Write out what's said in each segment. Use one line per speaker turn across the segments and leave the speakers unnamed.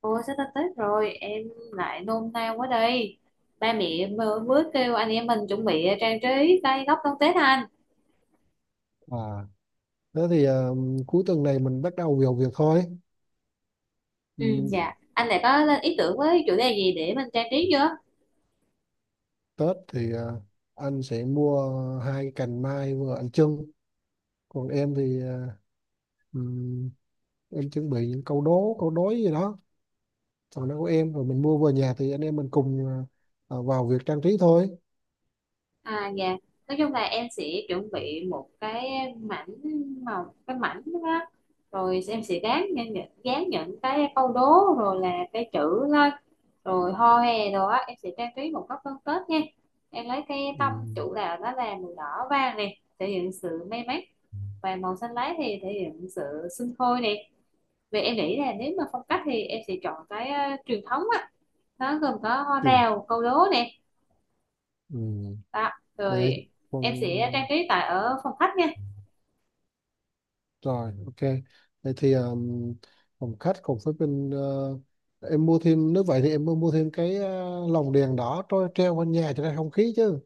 Ôi sắp tới Tết rồi em lại nôn nao quá đây. Ba mẹ em mới mới kêu anh em mình chuẩn bị trang trí cây góc đón Tết anh.
À, thế thì cuối tuần này mình bắt đầu vào việc thôi. Ừ,
Ừ dạ, anh lại có lên ý tưởng với chủ đề gì để mình trang trí chưa?
Tết thì anh sẽ mua hai cái cành mai vừa anh trưng. Còn em thì ừm, em chuẩn bị những câu đố, câu đối gì đó. Còn nó của em rồi mình mua về nhà thì anh em mình cùng vào việc trang trí thôi.
À dạ, nói chung là em sẽ chuẩn bị một cái mảnh màu, cái mảnh đó rồi em sẽ dán dán những cái câu đố rồi là cái chữ lên, rồi hoa hè rồi á, em sẽ trang trí một góc phân Tết nha. Em lấy cái tông
Ừ.
chủ đạo đó là màu đỏ vàng này thể hiện sự may mắn, và màu xanh lá thì thể hiện sự sinh sôi này. Vậy em nghĩ là nếu mà phong cách thì em sẽ chọn cái truyền thống á, nó gồm có hoa
Chừng
đào, câu đố nè
Ừ.
đó.
Đấy.
Rồi em sẽ trang
Còn
trí tại ở phòng khách nha.
Rồi, ok. Vậy thì phòng khách cùng với bên, em mua thêm nếu vậy thì em mua thêm cái lồng đèn đỏ trôi treo bên nhà cho ra không khí chứ.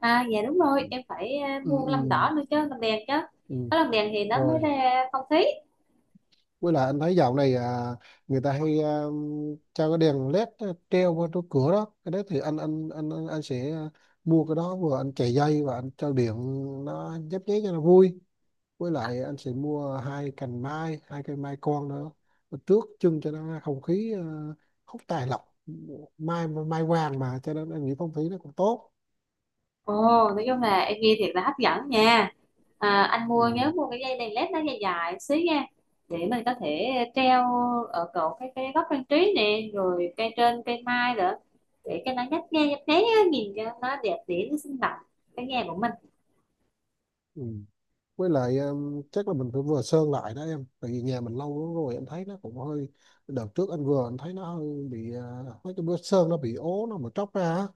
À dạ đúng rồi, em phải
Ừ,
mua cái lồng
ừ,
đỏ nữa chứ, lồng đèn chứ.
ừ.
Có lồng đèn thì nó mới
Rồi.
ra phong khí.
Với lại anh thấy dạo này người ta hay cho cái đèn led treo qua chỗ cửa đó. Cái đấy thì anh sẽ mua cái đó, vừa anh chạy dây và anh cho điện nó nhấp nháy cho nó vui. Với lại anh sẽ mua hai cành mai, hai cây mai con nữa. Mà tước chân cho nó không khí, không tài lộc, mai mai vàng mà, cho nên anh nghĩ phong thủy nó cũng tốt.
Ồ, nói chung là em nghe thiệt là hấp dẫn nha. À, anh mua nhớ
Ừ,
mua cái dây đèn led nó dài dài xíu nha, để mình có thể treo ở cổ cái góc trang trí nè, rồi cây trên cây mai nữa, để cho nó nhấp nháy á, nhìn cho nó đẹp đẽ, nó sinh động cái nhà của mình.
ừ. Với lại chắc là mình phải vừa sơn lại đó em, tại vì nhà mình lâu lắm rồi em thấy nó cũng hơi. Đợt trước anh thấy nó hơi bị, mấy cái bữa sơn nó bị ố nó mà tróc ra á.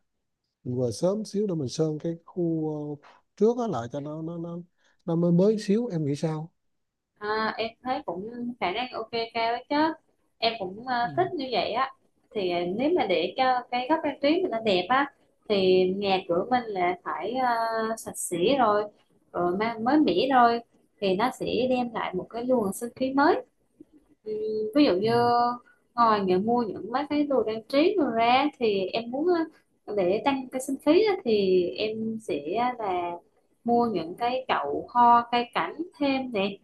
Mình vừa sớm xíu để mình sơn cái khu ờ, trước á lại cho nó mới mới xíu, em nghĩ sao.
À, em thấy cũng khả năng ok cao đấy chứ, em cũng
Ừ.
thích như vậy á. Thì nếu mà để cho cái góc trang trí mình nó đẹp á, thì nhà cửa mình là phải sạch sẽ rồi, rồi mang mới mẻ rồi, thì nó sẽ đem lại một cái luồng sinh khí mới. Ừ, ví dụ như ngồi những mua những mấy cái đồ trang trí đồ ra thì em muốn để tăng cái sinh khí á, thì em sẽ là mua những cái chậu hoa cây cảnh thêm nè.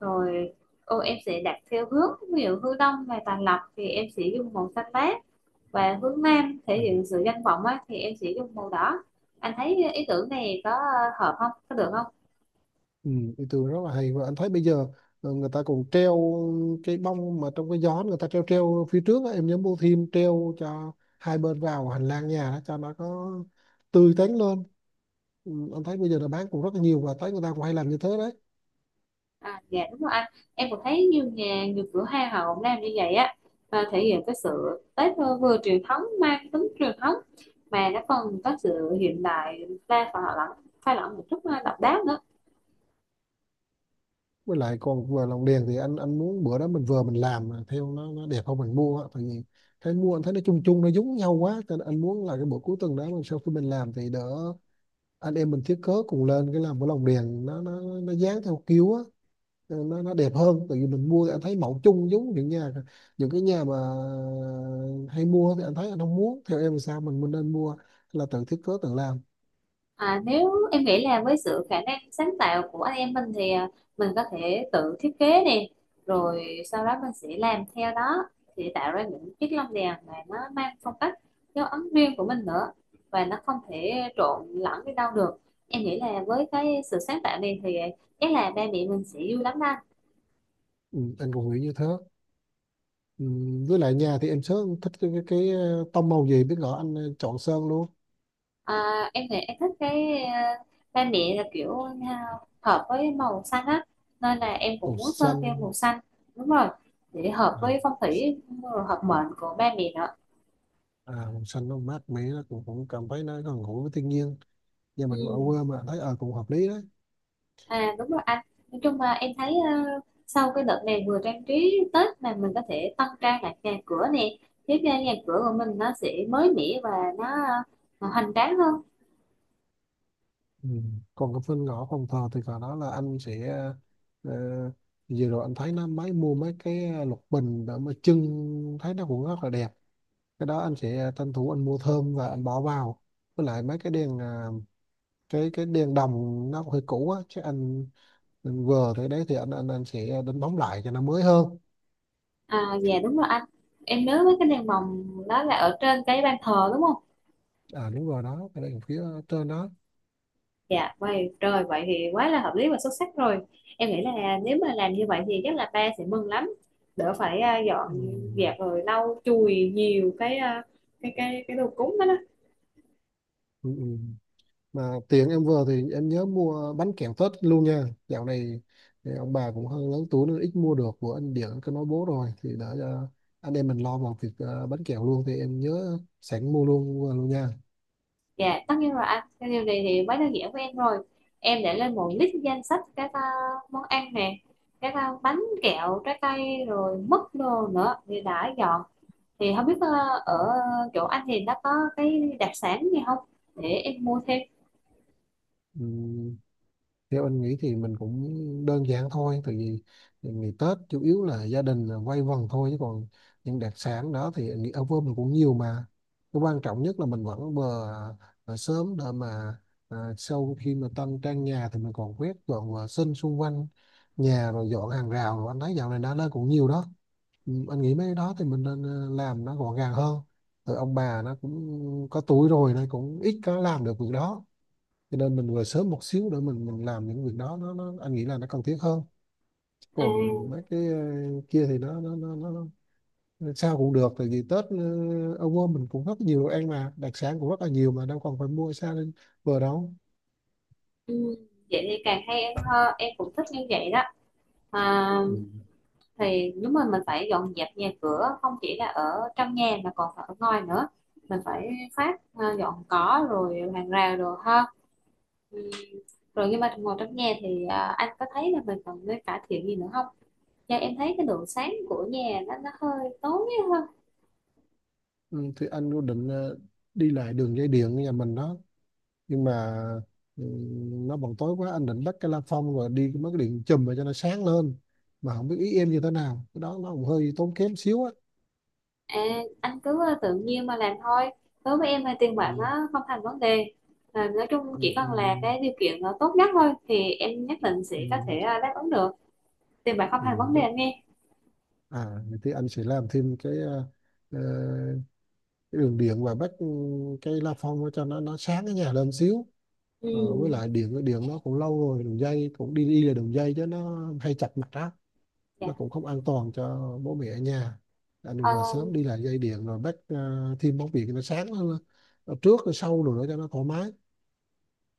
Rồi ô, em sẽ đặt theo hướng, ví dụ hướng đông về tàn lập thì em sẽ dùng màu xanh lá, và hướng nam thể
Ừ.
hiện sự danh vọng á, thì em sẽ dùng màu đỏ. Anh thấy ý tưởng này có hợp không, có được không?
Ừ, ý tưởng rất là hay, và anh thấy bây giờ người ta còn treo cái bông mà trong cái gió người ta treo treo phía trước á, em nhớ mua thêm treo cho hai bên vào hành lang nhà đó, cho nó có tươi tắn lên. Ừ, anh thấy bây giờ là bán cũng rất là nhiều và thấy người ta cũng hay làm như thế đấy.
À dạ đúng rồi anh, em cũng thấy nhiều nhà nhiều cửa hàng họ cũng làm như vậy á, và thể hiện cái sự Tết vừa truyền thống, mang tính truyền thống mà nó còn có sự hiện đại pha, và họ lẫn pha lẫn một chút độc đáo nữa.
Với lại còn vừa lồng đèn thì anh muốn bữa đó mình làm mà theo nó đẹp không mình mua á. Tại vì thấy mua anh thấy nó chung chung, nó giống nhau quá, cho nên anh muốn là cái buổi cuối tuần đó mình sau khi mình làm thì đỡ, anh em mình thiết kế cùng lên cái làm cái lồng đèn, nó dán theo kiểu á, nó đẹp hơn. Tại vì mình mua thì anh thấy mẫu chung giống những nhà, những cái nhà mà hay mua, thì anh thấy anh không muốn theo, em thì sao, mình nên mua là tự thiết kế tự làm.
À, nếu em nghĩ là với sự khả năng sáng tạo của anh em mình thì mình có thể tự thiết kế nè, rồi sau đó mình sẽ làm theo đó, thì tạo ra những chiếc lông đèn mà nó mang phong cách dấu ấn riêng của mình nữa, và nó không thể trộn lẫn với đâu được. Em nghĩ là với cái sự sáng tạo này thì chắc là ba mẹ mình sẽ vui lắm đó.
Ừ, anh cũng nghĩ như thế. Ừ, với lại nhà thì em sớm thích cái tông màu gì biết rõ anh chọn sơn luôn.
À, em thì em thích cái ba mẹ là kiểu hợp với màu xanh á, nên là em cũng
Màu
muốn sơn theo
xanh.
màu xanh. Đúng rồi, để hợp
à,
với phong thủy rồi hợp mệnh của ba mẹ nữa.
màu xanh nó mát mẻ, nó cũng cảm thấy nó gần gũi với thiên nhiên. Nhà
Ừ.
mình ở quê mà thấy cũng hợp lý đó.
À đúng rồi anh, nói chung là em thấy sau cái đợt này vừa trang trí Tết mà mình có thể tăng trang lại nhà cửa nè, giúp cho nhà cửa của mình nó sẽ mới mẻ và nó hoành tráng hơn.
Ừ. Còn cái phần ngõ phòng thờ thì cả đó là anh sẽ, ờ, vừa rồi anh thấy nó mua mấy cái lục bình để mà trưng, thấy nó cũng rất là đẹp. Cái đó anh sẽ tranh thủ anh mua thơm và anh bỏ vào. Với lại mấy cái đèn cái đèn đồng nó hơi cũ á chứ anh vừa tới đấy thì anh sẽ đánh bóng lại cho nó mới hơn.
À dạ đúng rồi anh, em nhớ mấy cái đèn mồng đó là ở trên cái ban thờ đúng không?
À đúng rồi đó, cái đèn phía trên đó.
Dạ, vậy rồi vậy thì quá là hợp lý và xuất sắc rồi. Em nghĩ là nếu mà làm như vậy thì chắc là ba sẽ mừng lắm. Đỡ phải
Ừ.
dọn dẹp rồi lau chùi nhiều cái đồ cúng đó đó.
Ừ. Ừ. Mà tiền em vừa thì em nhớ mua bánh kẹo Tết luôn nha. Dạo này thì ông bà cũng hơi lớn tuổi nên ít mua được, của anh Điển anh cứ nói bố rồi thì đã cho anh em mình lo vào việc, bánh kẹo luôn, thì em nhớ sẵn mua luôn luôn nha.
Dạ, tất nhiên rồi anh. Cái điều này thì quá đơn giản với em rồi. Em để lên một list danh sách các món ăn nè, các bánh kẹo, trái cây, rồi mứt đồ nữa thì đã dọn. Thì không biết ở chỗ anh thì nó có cái đặc sản gì không, để em mua thêm.
Ừ, theo anh nghĩ thì mình cũng đơn giản thôi, tại vì ngày Tết chủ yếu là gia đình là quây quần thôi, chứ còn những đặc sản đó thì anh nghĩ ở Vân cũng nhiều mà. Cái quan trọng nhất là mình vẫn vừa sớm để mà sau khi mà tân trang nhà thì mình còn quét dọn vệ sinh xung quanh nhà, rồi dọn hàng rào, rồi anh thấy dạo này đã lên cũng nhiều đó. Ừ, anh nghĩ mấy cái đó thì mình nên làm nó gọn gàng hơn. Rồi ông bà nó cũng có tuổi rồi nên cũng ít có làm được việc đó, cho nên mình về sớm một xíu để mình làm những việc đó, nó anh nghĩ là nó cần thiết hơn.
À.
Còn mấy cái kia thì nó sao cũng được, tại vì Tết ở quê mình cũng rất nhiều đồ ăn mà, đặc sản cũng rất là nhiều mà, đâu còn phải mua xa lên bờ đâu.
Ừ, vậy thì càng hay em, hơn em cũng thích như vậy đó. À,
Ừ.
thì đúng rồi, mình phải dọn dẹp nhà cửa không chỉ là ở trong nhà mà còn phải ở ngoài nữa, mình phải phát dọn cỏ rồi hàng rào rồi ha. Ừ. Rồi nhưng mà ngồi trong nhà thì anh có thấy là mình còn nên cải thiện gì nữa không? Do em thấy cái độ sáng của nhà nó hơi tối.
Ừ, thì anh quyết định đi lại đường dây điện nhà mình đó, nhưng mà ừ, nó bằng tối quá, anh định bắt cái la phong rồi đi mấy cái điện chùm mà cho nó sáng lên, mà không biết ý em như thế nào, cái đó nó cũng hơi tốn kém xíu á.
À, anh cứ tự nhiên mà làm thôi. Đối với em thì tiền bạc
Ừ.
nó không thành vấn đề. À, nói chung
Ừ.
chỉ
Ừ.
cần là cái điều kiện tốt nhất thôi thì em nhất định sẽ có
Ừ.
thể đáp ứng được. Tiền bạc không thành
Ừ,
vấn đề
đất.
anh nghe.
À, vậy thì anh sẽ làm thêm ờ, cái đường điện và bắt cái la phong cho nó sáng cái nhà lên xíu. Ờ, với
Ừ,
lại điện điện nó cũng lâu rồi, đường dây cũng đi đi là đường dây chứ, nó hay chặt mặt á,
dạ.
nó cũng không an toàn cho bố mẹ ở nhà. Anh đừng
Ờ,
vào sớm đi lại dây điện rồi bắt thêm bóng điện cho nó sáng hơn. Ờ, trước rồi sau rồi nữa cho nó thoải mái.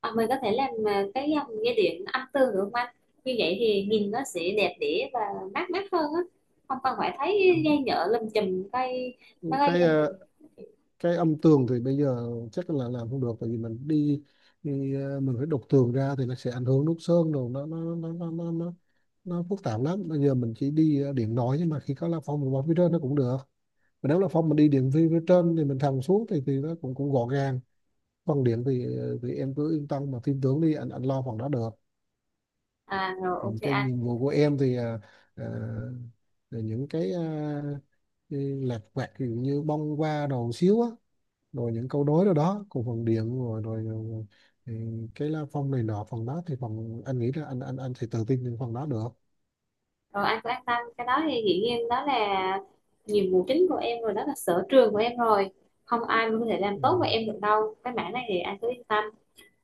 à, mình có thể làm cái dòng dây điện âm tường được không anh? Như vậy thì nhìn nó sẽ đẹp đẽ và mát mắt hơn á. Không cần phải thấy dây nhựa lùm chùm cây cái gây
Cái
cho mình.
ờ, cái âm tường thì bây giờ chắc là làm không được, tại vì mình đi, đi ờ, mình phải đục tường ra thì nó sẽ ảnh hưởng nút sơn đồ, nó phức tạp lắm. Bây giờ mình chỉ đi điện nói, nhưng mà khi có la phong mình bỏ phía trên nó cũng được, mà nếu la phong mình đi điện vi phía trên thì mình thầm xuống thì nó cũng cũng gọn gàng. Phần điện thì thì em cứ yên tâm mà tin tưởng đi, anh lo phần đó được.
À rồi
Ừ,
ok
cái
anh.
nhiệm vụ của em thì ờ, là những cái lặt vặt, ví dụ như bông hoa đồ xíu á, rồi những câu đối đó đó, cùng phần điện, rồi rồi, rồi ừ, cái lá phong này nọ, phần đó thì phần anh nghĩ là anh thì tự tin những phần đó được.
Rồi anh cứ an tâm, cái đó thì dĩ nhiên đó là nhiệm vụ chính của em rồi, đó là sở trường của em rồi, không ai mà có thể làm
Ừ.
tốt với em được đâu, cái mảng này thì anh cứ yên tâm.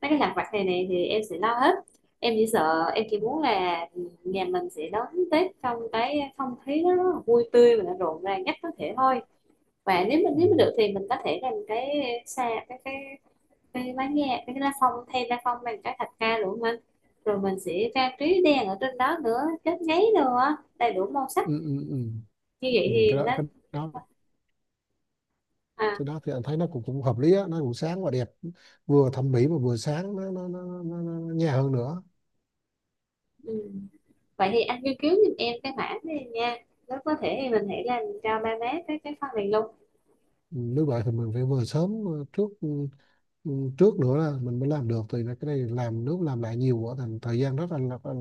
Mấy cái lặt vặt này này thì em sẽ lo hết. Em chỉ sợ, em chỉ muốn là nhà mình sẽ đón Tết trong cái không khí nó rất là vui tươi và rộn ràng nhất có thể thôi. Và nếu mình,
Ừ.
nếu mà được thì mình có thể làm cái xa cái cái bánh nghe, cái lá phong, thay lá phong bằng cái thạch ca đủ mình, rồi mình sẽ trang trí đèn ở trên đó nữa, chớp giấy nữa, đầy đủ màu sắc,
Ừ, ừ, ừ.
như vậy
Ừ.
thì nó
Đó
à.
cái đó thì anh thấy nó cũng cũng hợp lý á, nó cũng sáng và đẹp, vừa thẩm mỹ mà vừa sáng, nó nhẹ hơn nữa.
Ừ. Vậy thì anh nghiên cứu giùm em cái mảng này nha, nếu có thể thì mình hãy làm cho ba má cái phần này luôn.
Ừ, nếu vậy thì mình phải vừa sớm trước, ừ, trước nữa là mình mới làm được, thì là cái này làm nước làm lại nhiều quá thành thời gian rất là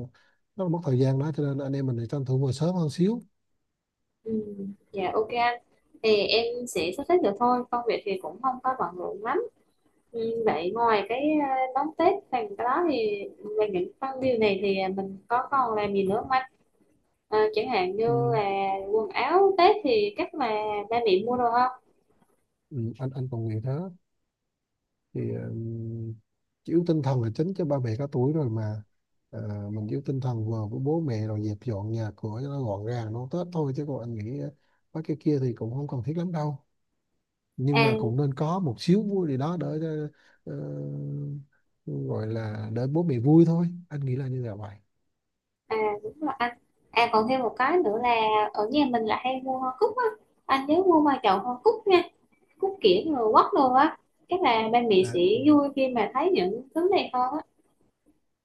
rất là mất thời gian đó, cho nên anh em mình thì tranh thủ vừa sớm hơn xíu.
Ừ. Dạ ok anh, thì em sẽ sắp xếp được thôi, công việc thì cũng không có bận rộn lắm. Ừ. Vậy ngoài cái đón Tết phần cái đó thì về những phần điều này thì mình có còn làm gì nữa không anh? Ờ, chẳng hạn như
Ừ.
là quần áo Tết thì chắc là ba mẹ mua đồ không?
Ừ, anh còn nghĩ thế thì chỉ yếu tinh thần là chính, cho ba mẹ có tuổi rồi mà. Ờ, mình yếu tinh thần vừa với bố mẹ rồi dẹp dọn nhà cửa cho nó gọn gàng nó Tết thôi, chứ còn anh nghĩ mấy cái kia thì cũng không cần thiết lắm đâu, nhưng
À.
mà cũng nên có một xíu vui gì đó để ờ, gọi là để bố mẹ vui thôi, anh nghĩ là như là vậy.
À đúng rồi anh. À còn thêm một cái nữa là ở nhà mình là hay mua hoa cúc á. Anh nhớ mua vài chậu hoa cúc nha. Cúc kiểng rồi quất đồ á. Chắc là ba mẹ
À,
sẽ
ừ.
vui khi mà thấy những thứ này hơn á.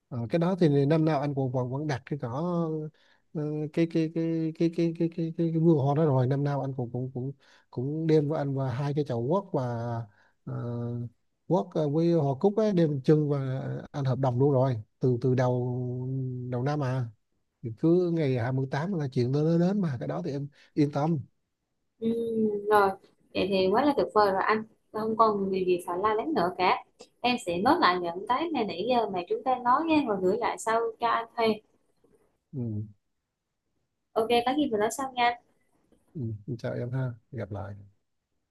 Ờ, cái đó thì năm nào anh cũng vẫn vẫn đặt cái cỏ, ờ, cái vườn hoa đó, rồi năm nào anh cũng cũng cũng cũng đem với anh và hai cái chậu quất, và uh, quất với hoa cúc ấy đem chân, và anh hợp đồng luôn rồi từ từ đầu đầu năm à, thì cứ ngày 28 là chuyện nó đến đến, mà cái đó thì em yên tâm.
Ừ, rồi. Vậy thì quá là tuyệt vời rồi anh. Không còn điều gì phải lo lắng nữa cả. Em sẽ nốt lại những cái mà nãy giờ mà chúng ta nói nha. Rồi gửi lại sau cho anh thôi.
Ừ,
Ok, có gì mình nói sau nha.
ừ, chào em ha, gặp lại.